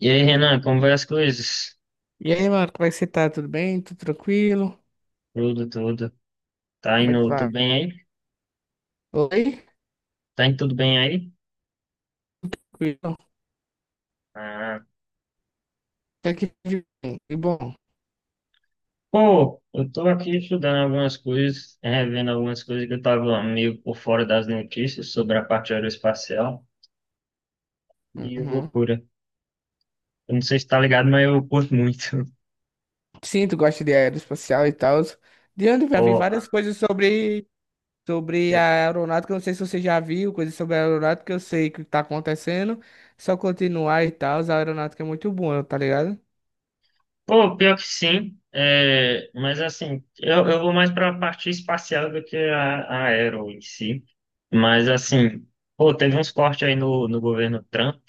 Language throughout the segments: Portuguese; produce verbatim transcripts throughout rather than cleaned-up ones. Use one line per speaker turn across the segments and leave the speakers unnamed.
E aí, Renan, como vai as coisas?
E aí, mano, como é que você tá? Tudo bem? Tudo tranquilo?
Tudo, tudo. Tá
Como é que
indo tudo
vai?
bem aí?
Oi?
Tá indo tudo bem aí?
Tranquilo?
Ah,
Até que de bem. E bom.
pô, eu tô aqui estudando algumas coisas, revendo algumas coisas que eu tava meio por fora das notícias sobre a parte aeroespacial e é
Uhum.
loucura. Eu não sei se tá ligado, mas eu curto muito.
Sim, tu gosta de aeroespacial e tal. De onde eu já vi várias
Porra.
coisas sobre, sobre
Eu-
a aeronáutica. Eu Não sei se você já viu coisas sobre a aeronáutica. Eu sei que tá acontecendo. Só continuar e tal. A aeronáutica é muito boa, tá ligado?
Pô, pior que sim, é, mas assim, eu, eu vou mais pra parte espacial do que a, a aero em si. Mas assim, pô, teve uns cortes aí no, no governo Trump.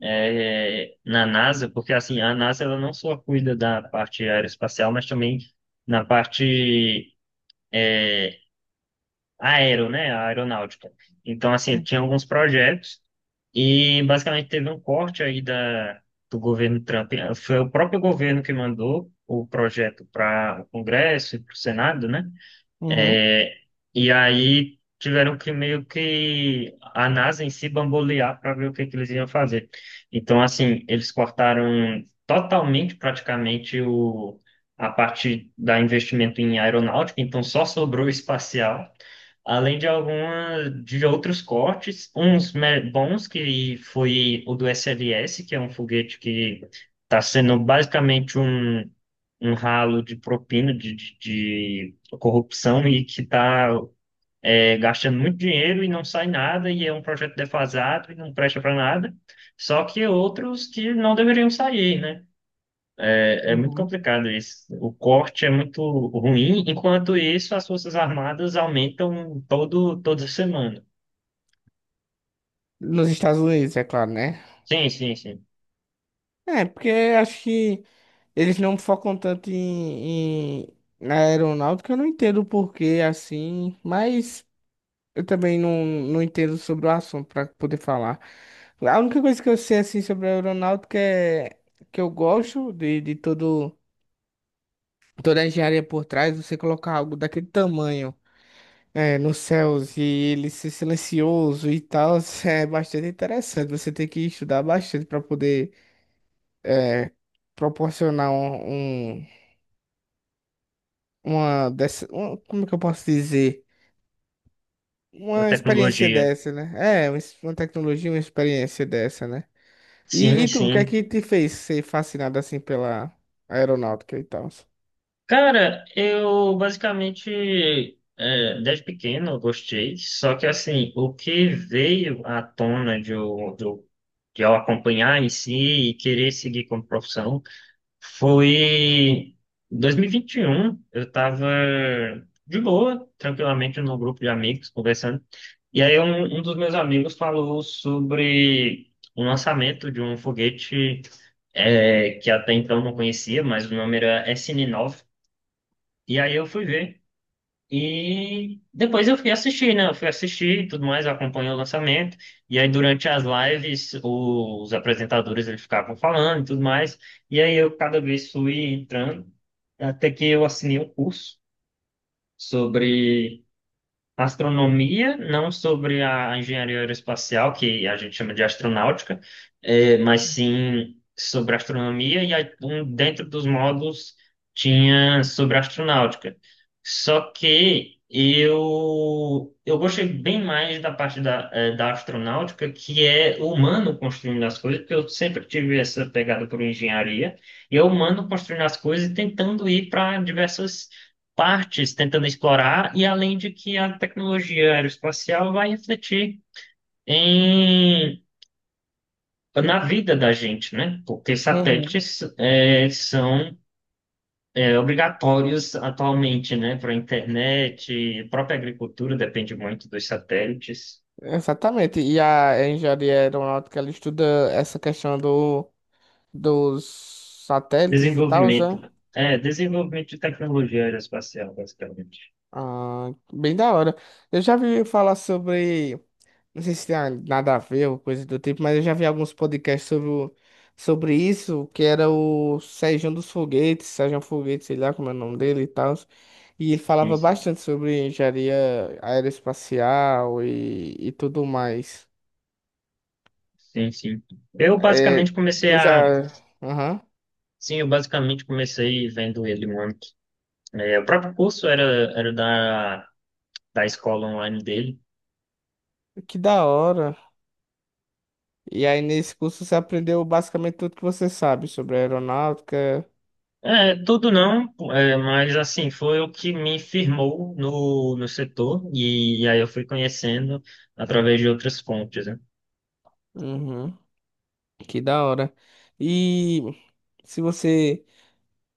é, Na NASA, porque assim, a NASA ela não só cuida da parte aeroespacial, mas também na parte é, aero, né, a aeronáutica. Então, assim, tinha alguns projetos e basicamente teve um corte aí da, do governo Trump. Foi o próprio governo que mandou o projeto para o Congresso e para o Senado, né?
Uhum.
É, e aí tiveram que meio que a NASA em si bambolear para ver o que, que eles iam fazer. Então, assim, eles cortaram totalmente, praticamente, o, a parte da investimento em aeronáutica, então só sobrou espacial, além de algumas de outros cortes, uns me- bons, que foi o do S L S, que é um foguete que está sendo basicamente um, um ralo de propina de, de corrupção e que está gastando muito dinheiro e não sai nada, e é um projeto defasado e não presta para nada. Só que outros que não deveriam sair, né? É, é muito
Uhum.
complicado isso. O corte é muito ruim, enquanto isso, as Forças Armadas aumentam todo, toda semana.
Nos Estados Unidos, é claro, né?
Sim, sim, sim.
É, porque acho que. Eles não focam tanto em, em- na aeronáutica, eu não entendo o porquê assim, mas eu também não, não entendo sobre o assunto para poder falar. A única coisa que eu sei assim sobre a aeronáutica é que eu gosto de, de todo, toda a engenharia por trás, você colocar algo daquele tamanho é, nos céus e ele ser silencioso e tal, é bastante interessante. Você tem que estudar bastante para poder é, proporcionar um, um uma dessa, uma- como é que eu posso dizer?
A
Uma experiência
tecnologia.
dessa, né? É, uma es- uma tecnologia, uma experiência dessa, né? E,
Sim,
e tu, o que é
sim.
que te fez ser fascinado assim pela aeronáutica e tal?
Cara, eu basicamente, é, desde pequeno, eu gostei, só que assim, o que veio à tona de eu, de eu, de eu acompanhar em si e querer seguir como profissão foi em dois mil e vinte e um. Eu estava de boa, tranquilamente, num grupo de amigos conversando, e aí um, um dos meus amigos falou sobre o lançamento de um foguete é, que até então eu não conhecia, mas o nome era S N nove. E aí eu fui ver. E depois eu fui assistir, né? Eu fui assistir e tudo mais, eu acompanhei o lançamento. E aí durante as lives, o- os apresentadores eles ficavam falando e tudo mais. E aí eu cada vez fui entrando, até que eu assinei um curso sobre astronomia, não sobre a engenharia aeroespacial, que a gente chama de astronáutica, eh, mas sim sobre astronomia, e aí, um, dentro dos módulos tinha sobre astronáutica. Só que eu, eu gostei bem mais da parte da, eh, da astronáutica, que é o humano construindo as coisas, porque eu sempre tive essa pegada por engenharia, e é o humano construindo as coisas e tentando ir para diversas partes tentando explorar, e além de que a tecnologia aeroespacial vai refletir em, na vida da gente, né? Porque
Uhum.
satélites é, são é, obrigatórios atualmente, né? Para a internet, a própria agricultura depende muito dos satélites,
Exatamente. E a engenharia aeronáutica, ela estuda essa questão do, dos satélites e tal,
desenvolvimento,
né?
é, desenvolvimento de tecnologia aeroespacial, basicamente.
Ah, bem da hora. Eu já vi falar sobre. Não sei se tem a- nada a ver ou coisa do tipo, mas eu já vi alguns podcasts sobre, o- sobre isso, que era o Sérgio dos Foguetes, Sérgio Foguetes, sei lá como é o nome dele e tal. E ele
Sim,
falava
sim.
bastante sobre engenharia aeroespacial e, e tudo mais.
Sim, sim. Eu
É,
basicamente comecei
eu
a.
já. Aham,
Sim, eu basicamente comecei vendo ele muito. É, o próprio curso era, era da, da escola online dele.
que da hora. E aí nesse curso você aprendeu basicamente tudo que você sabe sobre aeronáutica.
É, tudo não, é, mas assim, foi o que me firmou no, no setor e, aí eu fui conhecendo através de outras fontes, né?
Uhum, que da hora. E se você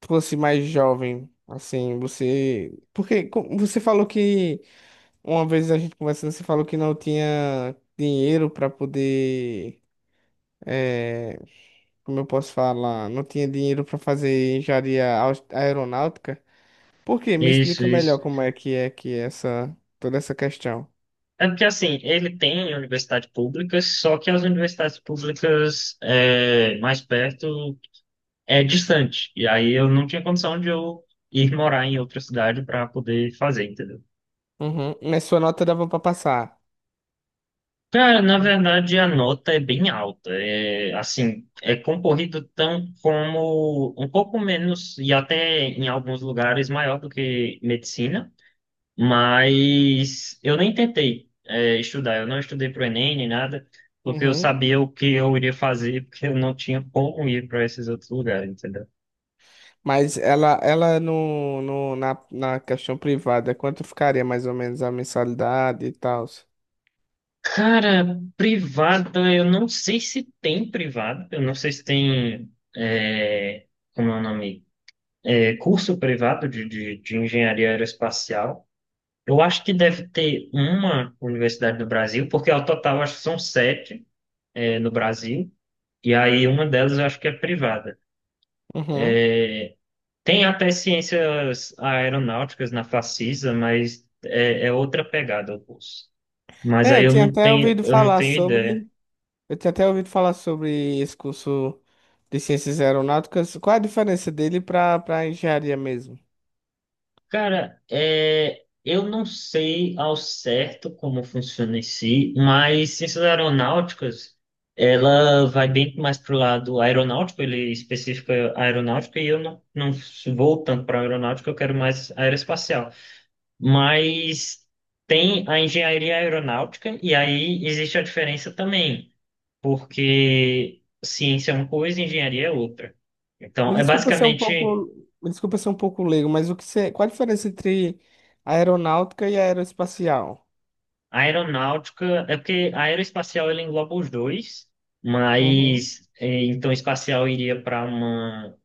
fosse mais jovem, assim, você. Porque co- você falou que uma vez a gente conversando, você falou que não tinha dinheiro para poder. é, Como eu posso falar? Não tinha dinheiro para fazer engenharia aus- aeronáutica. Por quê? Me
Isso,
explica
isso.
melhor como é que é que é essa toda essa questão.
É porque assim, ele tem universidade pública, só que as universidades públicas é, mais perto é distante. E aí eu não tinha condição de eu ir morar em outra cidade para poder fazer, entendeu?
Uhum. Mas sua nota dava para passar.
Cara, na verdade a nota é bem alta. É, assim, é concorrido tão como um pouco menos e até em alguns lugares maior do que medicina, mas eu nem tentei é, estudar. Eu não estudei para o Enem nem nada, porque eu
Uhum.
sabia o que eu iria fazer, porque eu não tinha como ir para esses outros lugares, entendeu?
Mas ela, ela no, no, na, na questão privada, quanto ficaria mais ou menos a mensalidade e tal?
Cara, privada, eu não sei se tem privada, eu não sei se tem, é, como é o nome? É, curso privado de, de, de engenharia aeroespacial. Eu acho que deve ter uma universidade no Brasil, porque ao total acho que são sete, é, no Brasil, e aí uma delas eu acho que é privada. Tem até ciências aeronáuticas na Facisa, mas é, é outra pegada o curso. Mas
É,
aí
eu
eu
tinha
não
até
tenho,
ouvido
eu não
falar
tenho
sobre.
ideia.
Eu tinha até ouvido falar sobre esse curso de ciências aeronáuticas. Qual a diferença dele para para engenharia mesmo?
Cara, é, eu não sei ao certo como funciona em si, mas ciências aeronáuticas, ela vai bem mais para o lado aeronáutico, ele especifica aeronáutica, e eu não, não vou tanto para aeronáutica, eu quero mais aeroespacial. Mas tem a engenharia aeronáutica, e aí existe a diferença também, porque ciência é uma coisa e engenharia é outra.
Me
Então, é
desculpa ser um
basicamente.
pouco, me desculpa ser um pouco leigo, mas o que você, qual a diferença entre aeronáutica e aeroespacial?
A aeronáutica, é porque a aeroespacial ela engloba os dois,
Uhum,
mas eh, então espacial iria para uma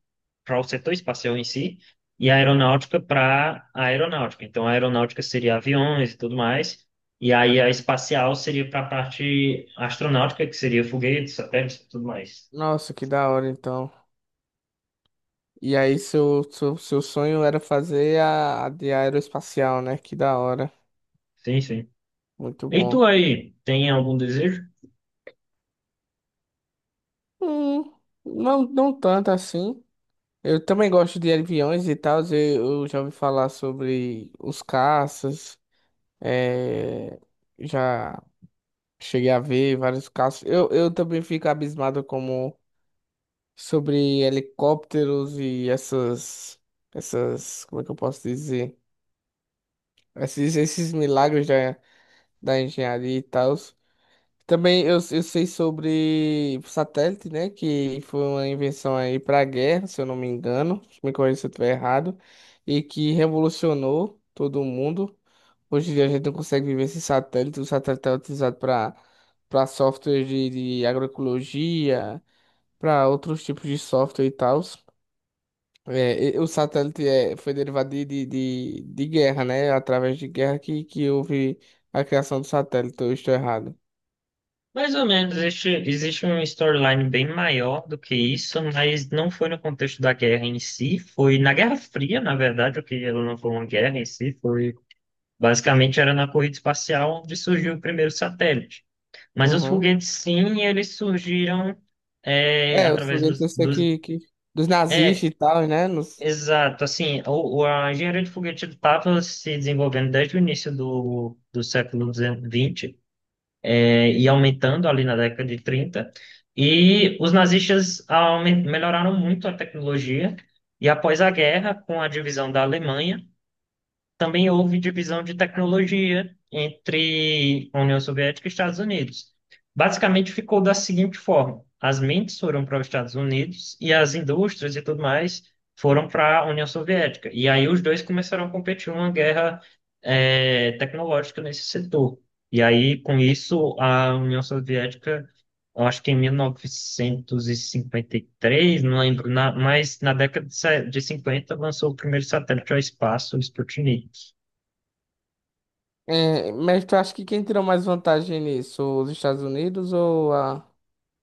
para o setor espacial em si e a
uhum.
aeronáutica para a aeronáutica. Então a aeronáutica seria aviões e tudo mais, e aí a espacial seria para a parte astronáutica, que seria foguetes, satélites e tudo mais.
Nossa, que da hora então. E aí seu, seu, seu sonho era fazer a, a de aeroespacial, né? Que da hora.
Sim, sim.
Muito
E tu
bom.
aí, tem algum desejo?
Hum, não, não tanto assim. Eu também gosto de aviões e tal. Eu, eu já ouvi falar sobre os caças. é, já cheguei a ver vários caças. Eu, eu também fico abismado como sobre helicópteros e essas, essas, como é que eu posso dizer? Esses, esses milagres da, da engenharia e tal. Também eu, eu sei sobre satélite, né? Que foi uma invenção aí para guerra, se eu não me engano. Me corrija se eu estiver errado. E que revolucionou todo mundo. Hoje em dia a gente não consegue viver sem satélite. O satélite é utilizado para para software de, de agroecologia, para outros tipos de software e tal. É, e- o satélite é, foi derivado de, de, de, de guerra, né? Através de guerra que, que houve a criação do satélite. Eu estou errado.
Mais ou menos, existe, existe uma storyline bem maior do que isso, mas não foi no contexto da guerra em si, foi na Guerra Fria, na verdade, o que ela não foi uma guerra em si, foi basicamente era na corrida espacial onde surgiu o primeiro satélite. Mas os
Uhum.
foguetes, sim, eles surgiram é,
É, os
através
foguetes
dos,
eu sei
dos...
que, que dos
É,
nazistas e tal, né? Nos,
exato, assim, o, o- a engenharia de foguete estava se desenvolvendo desde o início do, do século vinte é, e aumentando ali na década de trinta. E os nazistas aumen- melhoraram muito a tecnologia, e após a guerra, com a divisão da Alemanha, também houve divisão de tecnologia entre a União Soviética e Estados Unidos. Basicamente ficou da seguinte forma: as mentes foram para os Estados Unidos e as indústrias e tudo mais foram para a União Soviética. E aí os dois começaram a competir uma guerra eh, tecnológica nesse setor. E aí com isso a União Soviética, eu acho que em mil novecentos e cinquenta e três, não lembro, na- mas na década de se- de cinquenta lançou o primeiro satélite ao espaço, o Sputnik.
é, mas tu acha que quem tirou mais vantagem nisso? Os Estados Unidos ou a,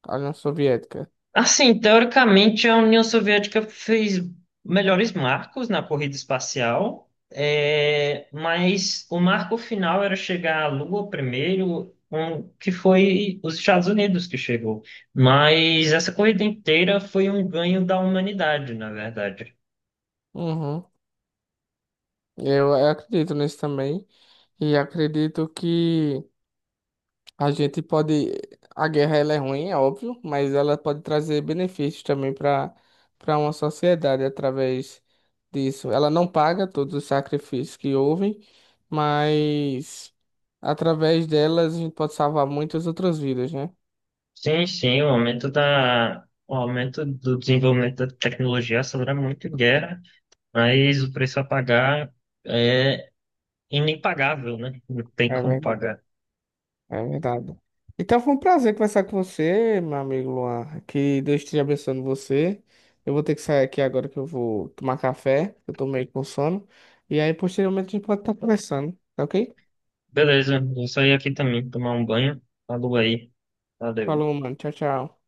a União Soviética?
Assim, teoricamente, a União Soviética fez melhores marcos na corrida espacial, é, mas o marco final era chegar à Lua primeiro, um, que foi os Estados Unidos que chegou. Mas essa corrida inteira foi um ganho da humanidade, na verdade.
Uhum. Eu, eu acredito nisso também. E acredito que a gente pode. A guerra ela é ruim, é óbvio, mas ela pode trazer benefícios também para para uma sociedade através disso. Ela não paga todos os sacrifícios que houve, mas através delas a gente pode salvar muitas outras vidas, né?
Sim, sim, o aumento da, o aumento do desenvolvimento da tecnologia acelera muito guerra, mas o preço a pagar é inimpagável, né? Não tem
É
como
verdade,
pagar.
é verdade. Então foi um prazer conversar com você, meu amigo Luan. Que Deus esteja abençoando você. Eu vou ter que sair aqui agora que eu vou tomar café. Eu tô meio com sono. E aí, posteriormente, a gente pode estar conversando, tá ok?
Beleza, vou sair aqui também, tomar um banho. Falou aí. Valeu.
Falou, mano. Tchau, tchau.